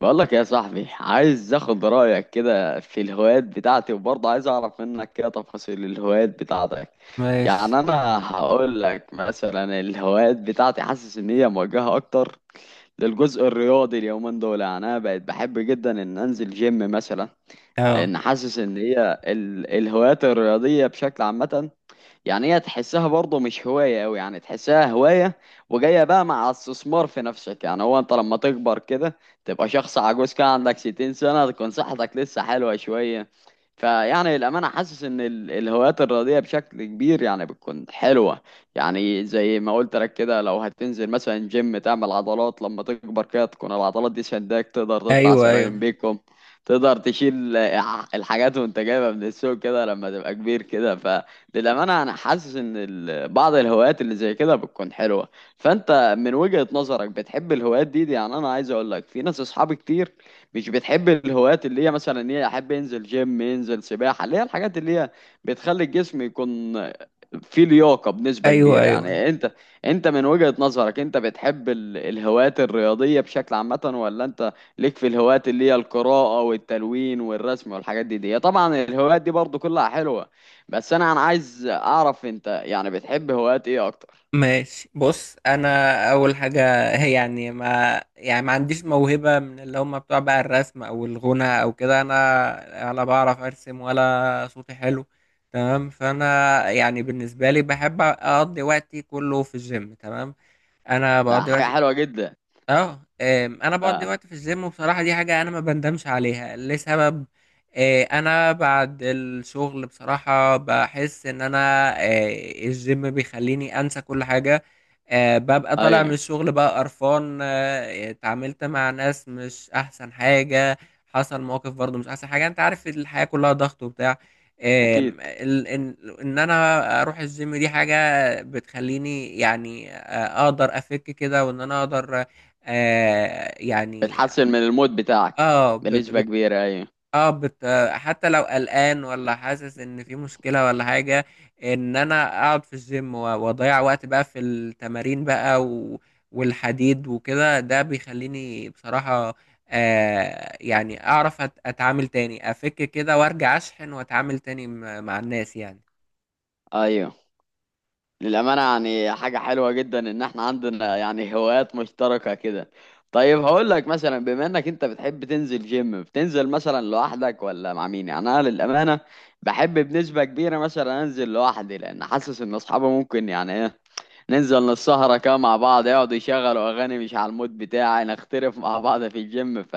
بقولك يا صاحبي، عايز اخد رأيك كده في الهوايات بتاعتي، وبرضه عايز اعرف منك كده تفاصيل الهوايات بتاعتك. ماشي. يعني انا هقول لك مثلا، الهوايات بتاعتي حاسس ان هي موجهة اكتر للجزء الرياضي اليومين دول. يعني انا بقيت بحب جدا ان انزل جيم مثلا، اه، لان حاسس ان هي الهوايات الرياضية بشكل عامة. يعني هي تحسها برضه مش هواية أوي، يعني تحسها هواية وجاية بقى مع استثمار في نفسك. يعني هو أنت لما تكبر كده، تبقى شخص عجوز كده عندك 60 سنة، تكون صحتك لسه حلوة شوية. فيعني الأمانة حاسس إن الهوايات الرياضية بشكل كبير، يعني بتكون حلوة. يعني زي ما قلت لك كده، لو هتنزل مثلا جيم تعمل عضلات، لما تكبر كده تكون العضلات دي سنداك، تقدر تطلع ايوه، سلالم ايوه، بيكم. تقدر تشيل الحاجات وانت جايبها من السوق كده لما تبقى كبير كده، ف للأمانة أنا حاسس إن بعض الهوايات اللي زي كده بتكون حلوة. فأنت من وجهة نظرك بتحب الهوايات دي؟ يعني أنا عايز أقول لك في ناس أصحابي كتير مش بتحب الهوايات اللي هي مثلا إن هي أحب ينزل جيم ينزل سباحة، اللي هي الحاجات اللي هي بتخلي الجسم يكون في لياقة بنسبة ايوه، كبيرة. ايوه. يعني انت من وجهة نظرك، انت بتحب الهوايات الرياضية بشكل عامة، ولا انت ليك في الهوايات اللي هي القراءة والتلوين والرسم والحاجات دي؟ طبعا الهوايات دي برضو كلها حلوة، بس انا عايز اعرف انت يعني بتحب هوايات ايه اكتر؟ ماشي، بص انا. اول حاجه، هي يعني ما عنديش موهبه من اللي هم بتوع بقى الرسم او الغنى او كده. انا ولا بعرف ارسم، ولا صوتي حلو. تمام، فانا يعني بالنسبه لي بحب اقضي وقتي كله في الجيم. تمام، انا ده بقضي حاجة وقتي حلوة جدا. اه انا بقضي لا. وقت في الجيم، وبصراحه دي حاجه انا ما بندمش عليها لسبب. انا بعد الشغل بصراحه بحس ان انا آه، الجيم بيخليني انسى كل حاجه. ببقى طالع من ايوه. الشغل بقى قرفان، اتعاملت مع ناس مش احسن حاجه. حصل مواقف برضو مش احسن حاجه، انت عارف الحياه كلها ضغط وبتاع. آم، اكيد. ال- ان إن انا اروح الجيم دي حاجه بتخليني يعني، اقدر افك كده، وان انا اقدر يعني بتحسن من المود بتاعك اه بت بنسبة بت كبيرة. ايوه، اه بت آه، حتى لو قلقان ولا حاسس ان في مشكلة ولا حاجة، ان انا اقعد في الجيم و- واضيع وقت بقى في التمارين بقى و والحديد وكده، ده بيخليني بصراحة يعني اعرف اتعامل تاني، افك كده وارجع اشحن واتعامل تاني مع الناس يعني. ايوه. للأمانة يعني حاجة حلوة جدا إن إحنا عندنا يعني هوايات مشتركة كده. طيب هقول لك مثلا، بما إنك أنت بتحب تنزل جيم، بتنزل مثلا لوحدك ولا مع مين؟ يعني أنا للأمانة بحب بنسبة كبيرة مثلا أنزل لوحدي، لأن حاسس إن أصحابي ممكن يعني إيه، ننزل نسهرة كده مع بعض يقعدوا يشغلوا أغاني مش على المود بتاعي، نختلف مع بعض في الجيم، ف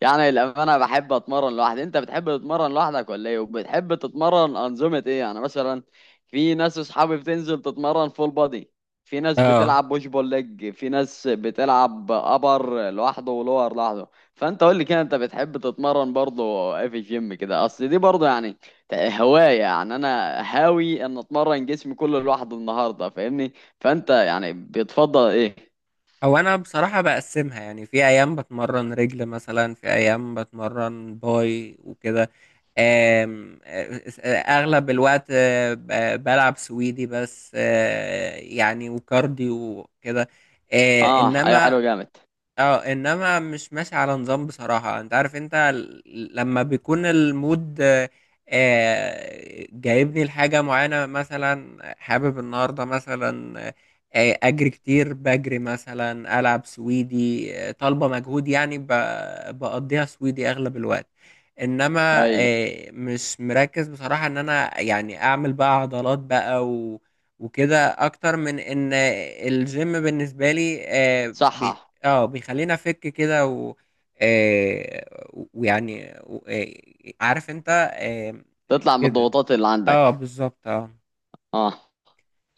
يعني الأمانة بحب أتمرن لوحدي. أنت بتحب تتمرن لوحدك ولا إيه؟ وبتحب تتمرن أنظمة إيه؟ يعني مثلا في ناس أصحابي بتنزل تتمرن فول بادي، في ناس اه، بتلعب بوش بول ليج، في ناس بتلعب أبر لوحده ولور لوحده. فأنت قول لي كده، أنت بتحب تتمرن برضه إيه في الجيم كده؟ أصل دي برضه يعني هواية. يعني أنا هاوي إن أتمرن جسمي كله لوحده النهاردة، فاهمني؟ فانت يعني بتفضل ايه؟ او انا بصراحة بقسمها يعني، في ايام بتمرن رجل مثلا، في ايام بتمرن باي وكده. آم، آه، آه، آه، اغلب الوقت بلعب سويدي بس، يعني وكارديو وكده. اه، ايوه، انما حلو جامد. اه، مش ماشي على نظام بصراحة. انت عارف، انت لما بيكون المود جايبني لحاجة معينة، مثلا حابب النهاردة مثلا اجري كتير، بجري مثلا، العب سويدي طالبة مجهود، يعني بقضيها سويدي اغلب الوقت. انما اي. مش مركز بصراحة ان انا يعني اعمل بقى عضلات بقى و وكده، اكتر من ان الجيم بالنسبه لي صح. اه بيخلينا فك كده و ويعني عارف انت تطلع من كده. الضغوطات اللي اه، عندك. بالظبط، اه. اه.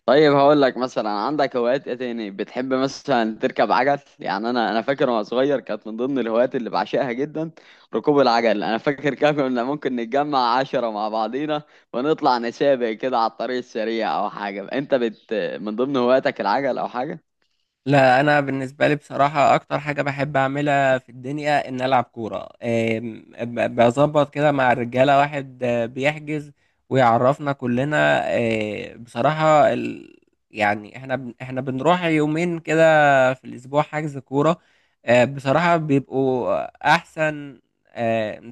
طيب هقول لك مثلا، عندك هوايات ايه تاني؟ بتحب مثلا تركب عجل؟ يعني انا فاكر وانا صغير كانت من ضمن الهوايات اللي بعشقها جدا ركوب العجل. انا فاكر كنا ممكن نتجمع 10 مع بعضينا ونطلع نسابق كده على الطريق السريع او حاجة. انت من ضمن هواياتك العجل او حاجة؟ لا، انا بالنسبه لي بصراحه اكتر حاجه بحب اعملها في الدنيا ان العب كوره. بظبط كده مع الرجاله، واحد بيحجز ويعرفنا كلنا. بصراحه يعني احنا بنروح يومين كده في الاسبوع حجز كوره. بصراحه بيبقوا احسن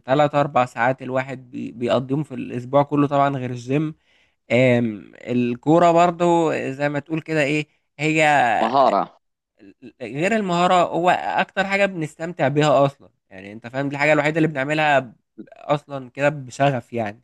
3-4 ساعات الواحد بيقضيهم في الاسبوع كله، طبعا غير الجيم. الكوره برضو زي ما تقول كده، ايه هي مهارة. غير المهارة، هو أكتر حاجة بنستمتع بيها أصلا. يعني أنت فاهم، دي الحاجة الوحيدة اللي بنعملها أصلا كده بشغف يعني.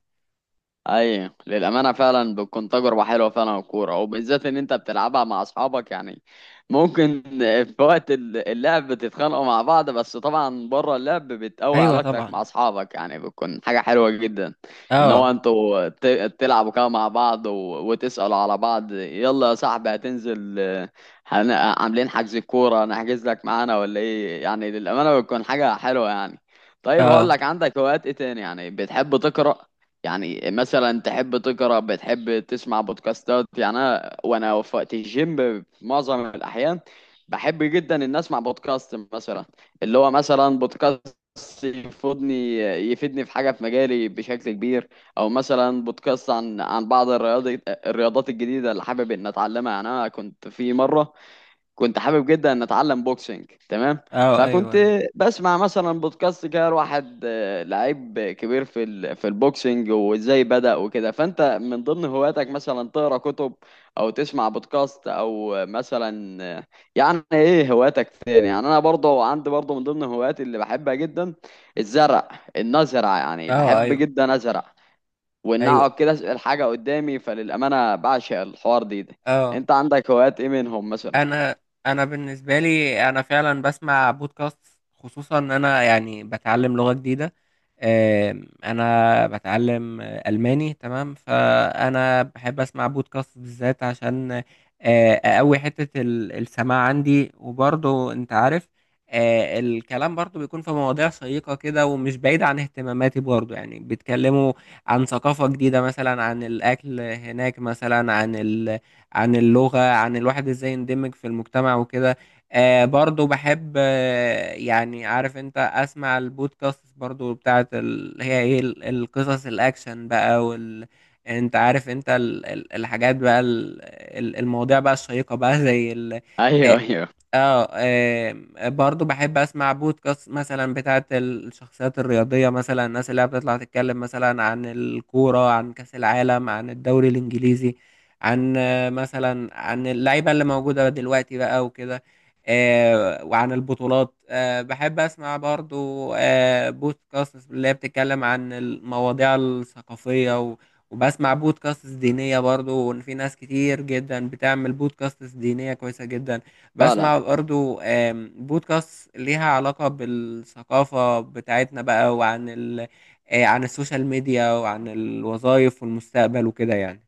اي، للامانه فعلا بتكون تجربه حلوه فعلا الكوره، وبالذات ان انت بتلعبها مع اصحابك، يعني ممكن في وقت اللعب بتتخانقوا مع بعض، بس طبعا بره اللعب بتقوي أيوه علاقتك مع طبعا. اصحابك، يعني بتكون حاجه حلوه جدا. ان هو أه. انتوا تلعبوا كده مع بعض وتسالوا على بعض، يلا يا صاحبي هتنزل عاملين حجز كوره نحجز لك معانا ولا ايه؟ يعني للامانه بتكون حاجه حلوه يعني. طيب هقول أه، لك عندك هوايات ايه تاني؟ يعني بتحب تقرا؟ يعني مثلا تحب تقرا، بتحب تسمع بودكاستات؟ يعني انا وانا في وقت الجيم في معظم الاحيان بحب جدا ان اسمع بودكاست مثلا، اللي هو مثلا بودكاست يفيدني يفيدني في حاجه في مجالي بشكل كبير. او مثلا بودكاست عن بعض الرياضات الجديده اللي حابب ان اتعلمها. يعني انا كنت في مره كنت حابب جدا ان اتعلم بوكسنج، تمام. أه، فكنت أيوه، بسمع مثلا بودكاست كده، واحد لعيب كبير في البوكسنج وازاي بدأ وكده. فانت من ضمن هواياتك مثلا تقرا كتب، او تسمع بودكاست، او مثلا يعني ايه هواياتك تاني؟ يعني انا برضه عندي برضه من ضمن هواياتي اللي بحبها جدا الزرع، ان ازرع، يعني أه، بحب أيوه، جدا ازرع وان اقعد أيوه، كده اسال حاجه قدامي. فللامانه بعشق الحوار ده. أه. انت عندك هوايات ايه منهم مثلا؟ انا انا بالنسبه لي، انا فعلا بسمع بودكاست، خصوصا ان انا يعني بتعلم لغه جديده. انا بتعلم الماني، تمام. فانا بحب اسمع بودكاست بالذات عشان اقوي حته السماع عندي، وبرضه انت عارف الكلام برضه بيكون في مواضيع شيقه كده، ومش بعيد عن اهتماماتي برضه، يعني بيتكلموا عن ثقافه جديده مثلا، عن الاكل هناك مثلا، عن اللغة، عن الواحد ازاي يندمج في المجتمع وكده. برضو بحب، يعني عارف انت، اسمع البودكاست برضو بتاعت هي ايه، القصص الاكشن بقى وال، انت عارف انت الحاجات بقى، المواضيع بقى الشيقة بقى زي ال... ايوه، آه، ايوه، اه، برضو بحب اسمع بودكاست مثلا بتاعت الشخصيات الرياضية، مثلا الناس اللي هي بتطلع تتكلم مثلا عن الكورة، عن كأس العالم، عن الدوري الإنجليزي، عن عن اللعيبة اللي موجودة دلوقتي بقى وكده. وعن البطولات. بحب أسمع برضو بودكاست اللي هي بتتكلم عن المواضيع الثقافية، وبسمع بودكاست دينية برضو، وإن في ناس كتير جدا بتعمل بودكاست دينية كويسة جدا. فعلا. بسمع برضو بودكاست ليها علاقة بالثقافة بتاعتنا بقى، وعن ال... آه، عن السوشيال ميديا، وعن الوظائف والمستقبل وكده يعني.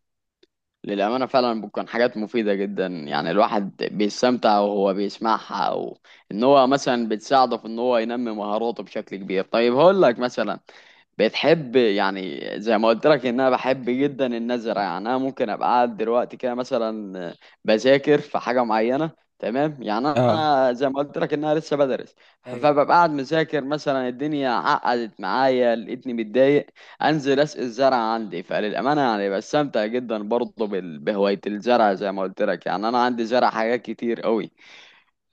للامانه فعلا بتكون حاجات مفيده جدا. يعني الواحد بيستمتع وهو بيسمعها، او ان هو مثلا بتساعده في ان هو ينمي مهاراته بشكل كبير. طيب هقول لك مثلا، بتحب يعني زي ما قلت لك ان انا بحب جدا النزرة، يعني انا ممكن ابقى قاعد دلوقتي كده مثلا بذاكر في حاجة معينة، تمام؟ يعني اه، انا زي ما قلت لك ان انا لسه بدرس، ايوه. فببقى قاعد مذاكر مثلا الدنيا عقدت معايا لقيتني متضايق، انزل اسقي الزرع عندي. فللامانه يعني بستمتع جدا برضه بهوايه الزرع زي ما قلت لك. يعني انا عندي زرع حاجات كتير قوي،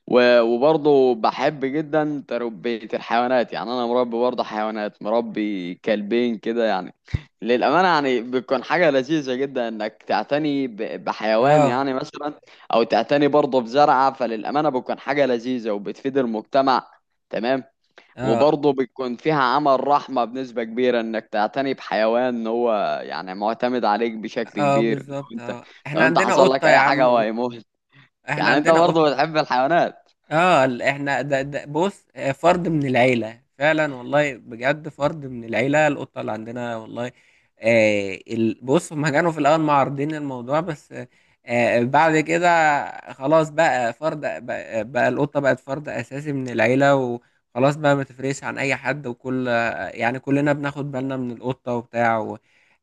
وبرضه بحب جدا تربيه الحيوانات. يعني انا مربي برضه حيوانات، مربي كلبين كده يعني. للامانه يعني بتكون حاجه لذيذه جدا انك تعتني بحيوان اه، يعني مثلا، او تعتني برضه بزرعه. فللامانه بتكون حاجه لذيذه وبتفيد المجتمع، تمام. اه، وبرضه بيكون فيها عمل رحمة بنسبة كبيرة انك تعتني بحيوان ان هو يعني معتمد عليك بشكل اه، كبير، لو بالظبط، انت اه. احنا لو انت عندنا حصل قطة لك يا اي حاجة هو عم، هيموت. احنا يعني انت عندنا برضه قطة. بتحب الحيوانات؟ اه، احنا ده بص، فرد من العيله فعلا، والله، بجد فرد من العيله، القطه اللي عندنا والله. بص، هما كانوا في الاول معارضين الموضوع، بس بعد كده خلاص بقى. فرد بقى القطه بقت فرد اساسي من العيله، وخلاص بقى ما تفرقش عن اي حد. وكل آه، يعني كلنا بناخد بالنا من القطه وبتاع. و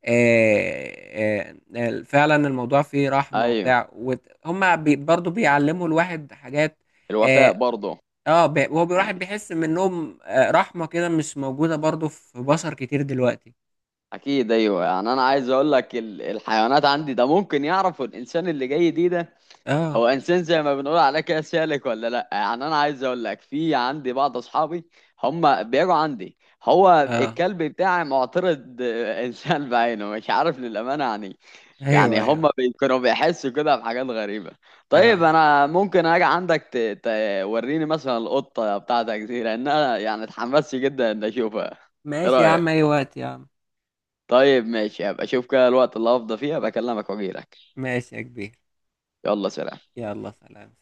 آه، آه، فعلا الموضوع فيه رحمه ايوه وبتاع، هما برضو بيعلموا الواحد حاجات. الوفاء اه، برضه. هو الواحد يعني بيحس من النوم رحمة كده مش موجودة برضو في بشر كتير دلوقتي. اكيد، ايوه. يعني انا عايز اقول لك الحيوانات عندي ده ممكن يعرفوا الانسان اللي جاي ده اه، هو انسان زي ما بنقول عليه كده سالك ولا لا. يعني انا عايز اقول لك في عندي بعض اصحابي هم بيجوا عندي، هو اه. الكلب بتاعي معترض انسان بعينه مش عارف للامانه يعني ايوه، ايوه، هم كانوا بيحسوا كده بحاجات غريبه. طيب اه. انا ممكن اجي عندك توريني مثلا القطه بتاعتك دي، لان انا يعني اتحمست جدا ان اشوفها. ايه ماشي يا رايك؟ عم، اي وقت يا عم. طيب ماشي، هبقى اشوف كده الوقت اللي هفضى فيه هبقى اكلمك واجيلك. ماشي يا كبير. يلا سلام. يلا سلام.